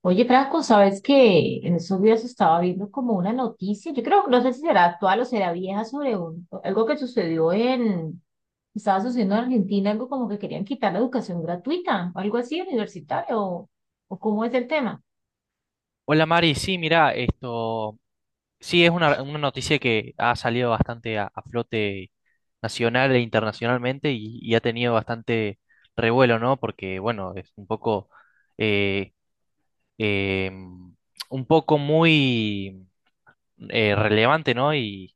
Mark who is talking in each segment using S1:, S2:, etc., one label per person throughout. S1: Oye, Franco, ¿sabes que en esos días estaba viendo como una noticia? Yo creo, no sé si será actual o será vieja, sobre algo que estaba sucediendo en Argentina, algo como que querían quitar la educación gratuita, algo así, universitario, o cómo es el tema.
S2: Hola Mari, sí, mira, esto sí es una noticia que ha salido bastante a flote nacional e internacionalmente y ha tenido bastante revuelo, ¿no? Porque, bueno, es eh, eh, un poco muy relevante, ¿no? Y,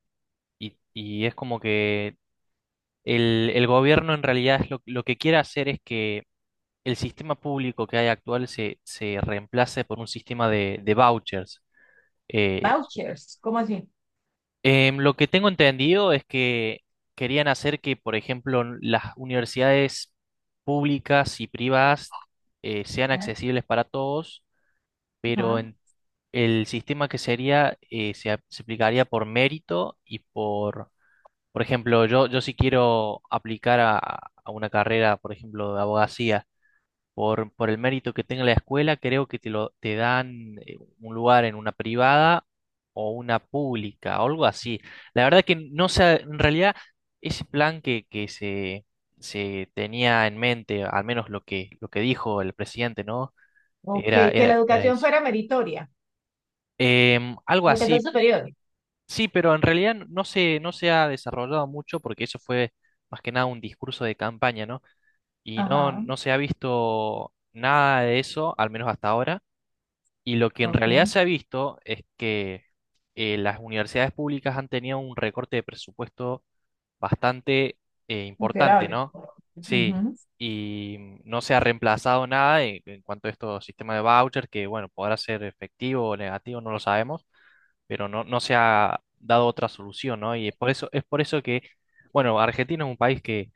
S2: y- y es como que el gobierno en realidad es lo que quiere hacer es que el sistema público que hay actual se reemplace por un sistema de vouchers. eh,
S1: Vouchers, ¿cómo así?
S2: Lo que tengo entendido es que querían hacer que, por ejemplo, las universidades públicas y privadas sean
S1: Ah.
S2: accesibles para todos, pero
S1: Ajá.
S2: el sistema que sería se aplicaría por mérito y por ejemplo, yo si quiero aplicar a una carrera, por ejemplo, de abogacía por el mérito que tenga la escuela, creo que te te dan un lugar en una privada o una pública, o algo así. La verdad que no sé, en realidad ese plan que se, se tenía en mente, al menos lo que dijo el presidente, ¿no?
S1: Ok,
S2: Era,
S1: que la
S2: era, era
S1: educación
S2: eso.
S1: fuera meritoria,
S2: Algo
S1: la educación
S2: así,
S1: superior.
S2: sí, pero en realidad no se ha desarrollado mucho porque eso fue más que nada un discurso de campaña, ¿no? Y no,
S1: Ajá.
S2: no se ha visto nada de eso, al menos hasta ahora. Y lo que en realidad
S1: Ok,
S2: se ha visto es que las universidades públicas han tenido un recorte de presupuesto bastante importante,
S1: considerable.
S2: ¿no? Sí, y no se ha reemplazado nada en, en cuanto a estos sistemas de vouchers, que bueno, podrá ser efectivo o negativo, no lo sabemos, pero no, no se ha dado otra solución, ¿no? Es por eso que, bueno, Argentina es un país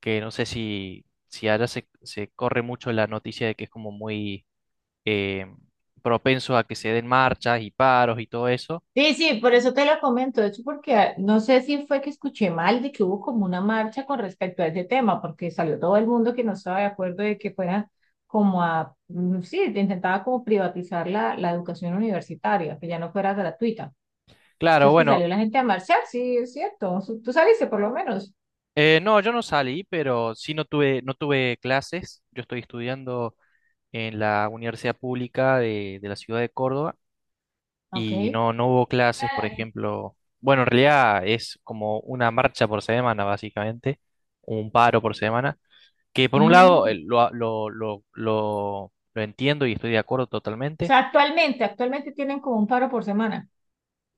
S2: que no sé si, si allá se corre mucho la noticia de que es como muy eh, propensos a que se den marchas y paros y todo eso.
S1: Sí, sí, por eso te lo comento. De hecho, porque no sé si fue que escuché mal de que hubo como una marcha con respecto a ese tema, porque salió todo el mundo que no estaba de acuerdo de que fuera como a, sí, intentaba como privatizar la educación universitaria, que ya no fuera gratuita.
S2: Claro,
S1: Entonces que
S2: bueno,
S1: salió la gente a marchar, sí, es cierto. Tú saliste por lo menos.
S2: no, yo no salí, pero sí no tuve clases. Yo estoy estudiando en la Universidad Pública de la ciudad de Córdoba
S1: Ok.
S2: y no, no hubo clases, por ejemplo. Bueno, en realidad es como una marcha por semana, básicamente, un paro por semana, que por un lado
S1: Mm,
S2: lo entiendo y estoy de acuerdo
S1: O
S2: totalmente.
S1: sea, actualmente tienen como un paro por semana.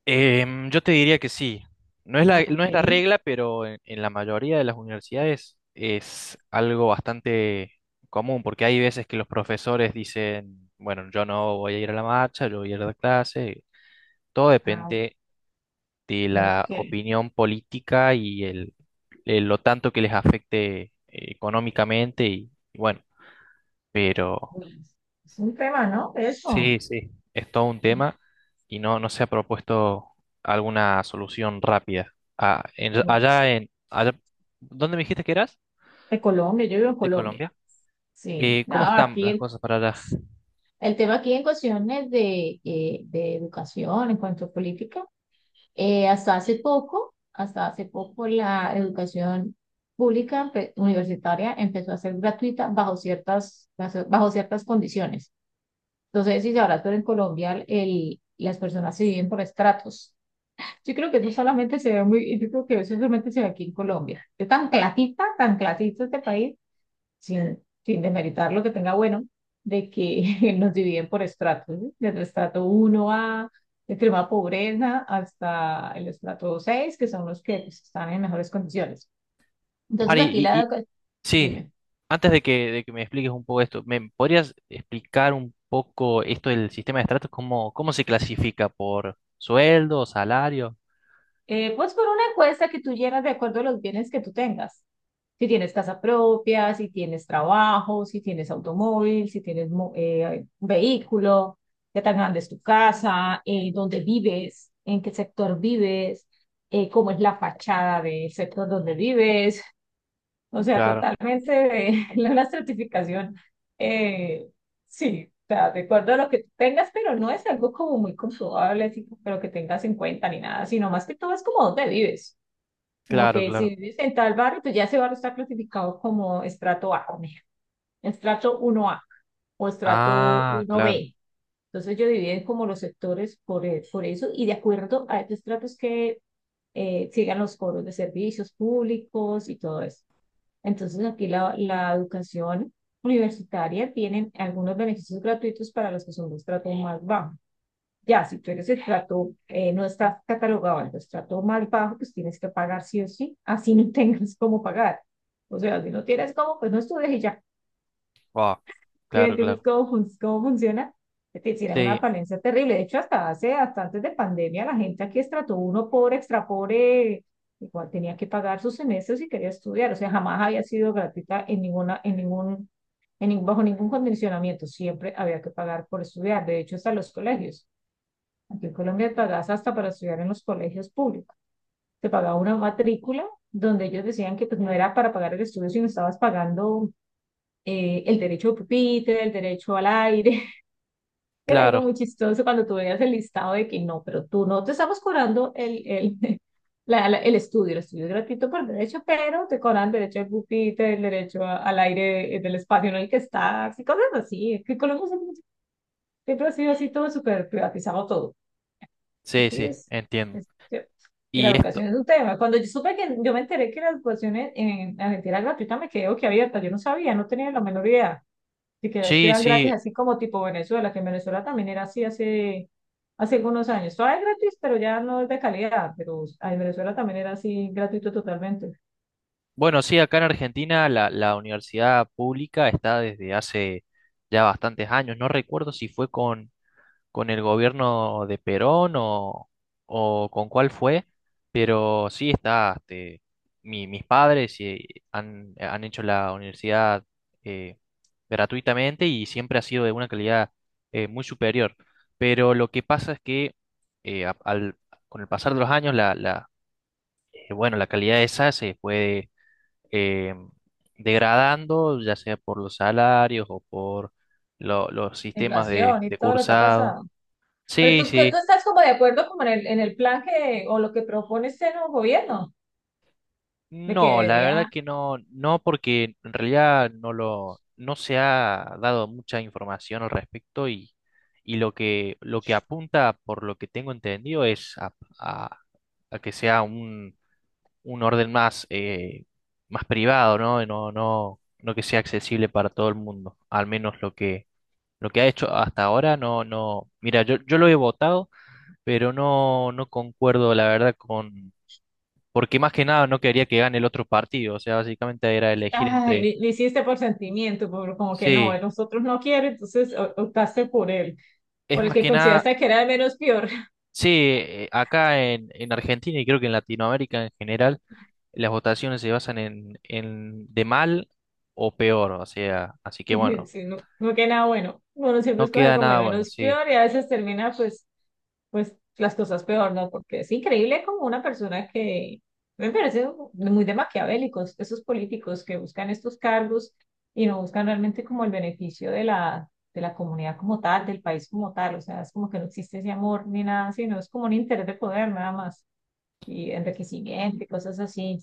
S2: Yo te diría que sí.
S1: Ah,
S2: No
S1: ok.
S2: es la regla, pero en la mayoría de las universidades es algo bastante común, porque hay veces que los profesores dicen, bueno, yo no voy a ir a la marcha, yo voy a ir a la clase. Todo
S1: Ah,
S2: depende de la
S1: ok.
S2: opinión política y lo tanto que les afecte económicamente y bueno, pero
S1: Bueno, es un tema, ¿no? Eso.
S2: sí, sí, es todo un tema y no, no se ha propuesto alguna solución rápida. Ah, allá en, allá, ¿dónde me dijiste que eras?
S1: De Colombia, yo vivo en
S2: De
S1: Colombia.
S2: Colombia.
S1: Sí, no,
S2: ¿Cómo están
S1: aquí
S2: las cosas para allá?
S1: el tema aquí en cuestiones de educación, en cuanto a política, hasta hace poco la educación pública universitaria empezó a ser gratuita bajo ciertas condiciones. Entonces, si sabrás, pero en Colombia las personas se viven por estratos. Yo creo que eso solamente se ve muy, yo creo que eso solamente se ve aquí en Colombia. Es tan clasista este país sin, sin demeritar lo que tenga bueno, de que nos dividen por estratos, ¿sí? Desde el estrato uno a de extrema pobreza, hasta el estrato seis, que son los que pues, están en mejores condiciones. Entonces,
S2: Mari,
S1: aquí la educación,
S2: sí,
S1: dime.
S2: antes de de que me expliques un poco esto, ¿me podrías explicar un poco esto del sistema de estratos? ¿Cómo, cómo se clasifica? ¿Por sueldo, salario?
S1: Pues por una encuesta que tú llenas de acuerdo a los bienes que tú tengas. Si tienes casa propia, si tienes trabajo, si tienes automóvil, si tienes un vehículo, qué tan grande es tu casa, dónde vives, en qué sector vives, cómo es la fachada del sector donde vives, o sea,
S2: Claro,
S1: totalmente de la estratificación. Eh, sí, o sea, de acuerdo a lo que tengas, pero no es algo como muy comprobable, así, pero que tengas en cuenta ni nada, sino más que todo es como dónde vives. Como que
S2: claro.
S1: si vives en tal barrio, pues ya ese barrio está clasificado como estrato A, por ejemplo, estrato uno a o estrato
S2: Ah,
S1: uno
S2: claro.
S1: b. Entonces yo dividí como los sectores por eso y de acuerdo a estos estratos que sigan los foros de servicios públicos y todo eso. Entonces aquí la educación universitaria tiene algunos beneficios gratuitos para los que son de estrato más bajo. Ya, si tú eres de estrato, no estás catalogado al estrato más bajo, pues tienes que pagar sí o sí, así no tengas cómo pagar. O sea, si no tienes cómo, pues no estudies y ya.
S2: Wow,
S1: ¿Sí me
S2: claro,
S1: entiendes
S2: claro.
S1: cómo, cómo funciona? Es decir, era una
S2: Sí,
S1: falencia terrible. De hecho, hasta antes de pandemia, la gente aquí estrato uno pobre, extra pobre, igual tenía que pagar sus semestres y quería estudiar. O sea, jamás había sido gratuita en ninguna, en ningún, en, nin- bajo ningún condicionamiento. Siempre había que pagar por estudiar. De hecho, hasta los colegios. Aquí en Colombia pagas hasta para estudiar en los colegios públicos. Te pagaba una matrícula donde ellos decían que pues, no era para pagar el estudio, sino estabas pagando el derecho de pupitre, el derecho al aire, era algo
S2: claro.
S1: muy chistoso cuando tú veías el listado de que no, pero tú no te estamos cobrando el estudio. El estudio es gratuito por derecho, pero te cobran derecho al pupitre, el derecho al aire del espacio en el que estás y cosas así. Es que Colombia siempre ha sido así, todo súper privatizado todo.
S2: Sí,
S1: Aquí
S2: sí, entiendo.
S1: es- y la
S2: Y esto,
S1: educación es un tema. Cuando yo supe que, yo me enteré que la educación en Argentina era gratuita, me quedé boquiabierta. Yo no sabía, no tenía la menor idea de que
S2: sí,
S1: estudian
S2: sí.
S1: gratis, así como tipo Venezuela, que en Venezuela también era así hace algunos años. Todavía es gratis, pero ya no es de calidad, pero en Venezuela también era así gratuito totalmente.
S2: Bueno, sí, acá en Argentina la universidad pública está desde hace ya bastantes años. No recuerdo si fue con el gobierno de Perón o con cuál fue, pero sí está, este, mis padres han hecho la universidad eh, gratuitamente y siempre ha sido de una calidad muy superior. Pero lo que pasa es que eh, a- al- con el pasar de los años bueno, la calidad esa se puede eh, degradando, ya sea por los salarios o por los
S1: La
S2: sistemas
S1: inflación y
S2: de
S1: todo lo que ha
S2: cursado.
S1: pasado. Pero
S2: Sí,
S1: tú, que
S2: sí.
S1: tú estás como de acuerdo como en el plan que, o lo que propone este nuevo gobierno, de que
S2: No, la verdad
S1: debería.
S2: que no, no, porque en realidad no se ha dado mucha información al respecto y lo que apunta, por lo que tengo entendido, es a- a que sea un orden más, más privado, ¿no? No, no, no que sea accesible para todo el mundo. Al menos lo que ha hecho hasta ahora, no, no. Mira, yo lo he votado, pero no, no concuerdo, la verdad, con. Porque más que nada no quería que gane el otro partido. O sea, básicamente era elegir
S1: ah,
S2: entre.
S1: le, le hiciste por sentimiento, por, como que no,
S2: Sí,
S1: nosotros no quiere, entonces optaste por él,
S2: es
S1: por el
S2: más
S1: que
S2: que nada.
S1: consideraste que era el menos peor.
S2: Sí, acá en Argentina y creo que en Latinoamérica en general, las votaciones se basan en de mal o peor. O sea, así que bueno.
S1: Sí, no, no que nada bueno. Uno siempre
S2: No
S1: escoge
S2: queda
S1: como el
S2: nada bueno,
S1: menos
S2: sí.
S1: peor y a veces termina pues, pues las cosas peor, ¿no? Porque es increíble como una persona que me parece muy de maquiavélicos, esos políticos que buscan estos cargos y no buscan realmente como el beneficio de la comunidad como tal, del país como tal. O sea, es como que no existe ese amor ni nada, sino es como un interés de poder nada más y enriquecimiento y cosas así.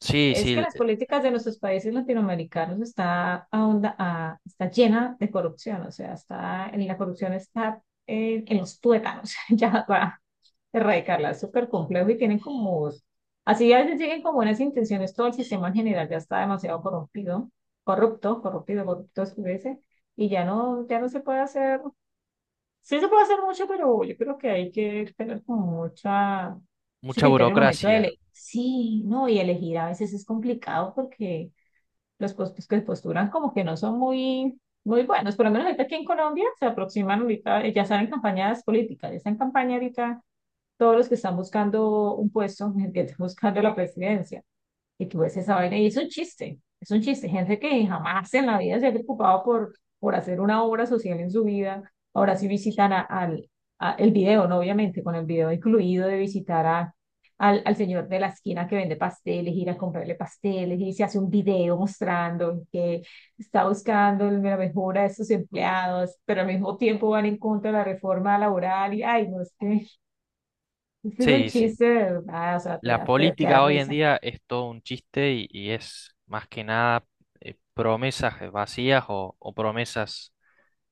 S2: Sí, sí,
S1: Es que las políticas de nuestros países latinoamericanos está, está llena de corrupción, o sea, está, la corrupción está en los tuétanos, ya para erradicarla, es súper complejo y tienen como, así a veces lleguen como unas intenciones, todo el sistema en general ya está demasiado corrompido, corrupto, es que dice, y ya no, ya no se puede hacer. Sí se puede hacer mucho, pero yo creo que hay que tener como mucha, mucho
S2: mucha
S1: criterio en el momento de
S2: burocracia.
S1: elegir. Sí, no, y elegir a veces es complicado porque los puestos que posturan como que no son muy, muy buenos. Por lo menos ahorita aquí en Colombia se aproximan ahorita, ya están en campañas políticas, ya están en campaña ahorita todos los que están buscando un puesto, que están buscando la presidencia. Y tú ves esa vaina y es un chiste, es un chiste. Gente que jamás en la vida se ha preocupado por hacer una obra social en su vida. Ahora sí visitan al el video, ¿no? Obviamente, con el video incluido de visitar al señor de la esquina que vende pasteles, ir a comprarle pasteles y se hace un video mostrando que está buscando la mejora de sus empleados, pero al mismo tiempo van en contra de la reforma laboral y, ay, no, es que este es un
S2: Sí, sí.
S1: chiste de verdad, o sea, te
S2: La
S1: da, te da
S2: política hoy en
S1: risa.
S2: día es todo un chiste y es más que nada promesas vacías o promesas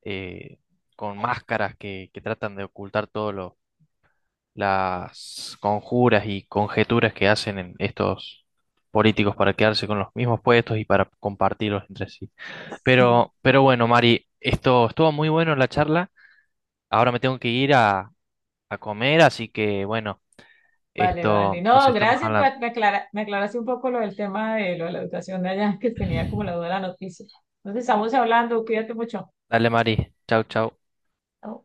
S2: eh, con máscaras que tratan de ocultar todas las conjuras y conjeturas que hacen en estos políticos para quedarse con los mismos puestos y para compartirlos entre sí.
S1: Sí.
S2: Pero bueno, Mari, esto estuvo muy bueno la charla. Ahora me tengo que ir a comer, así que bueno,
S1: Vale, vale.
S2: esto nos
S1: No,
S2: estamos
S1: gracias.
S2: hablando.
S1: Me aclaraste un poco lo del tema de lo de la educación de allá, que tenía como la duda de la noticia. Entonces, estamos hablando. Cuídate mucho.
S2: Dale, Mari. Chau, chau.
S1: Chao.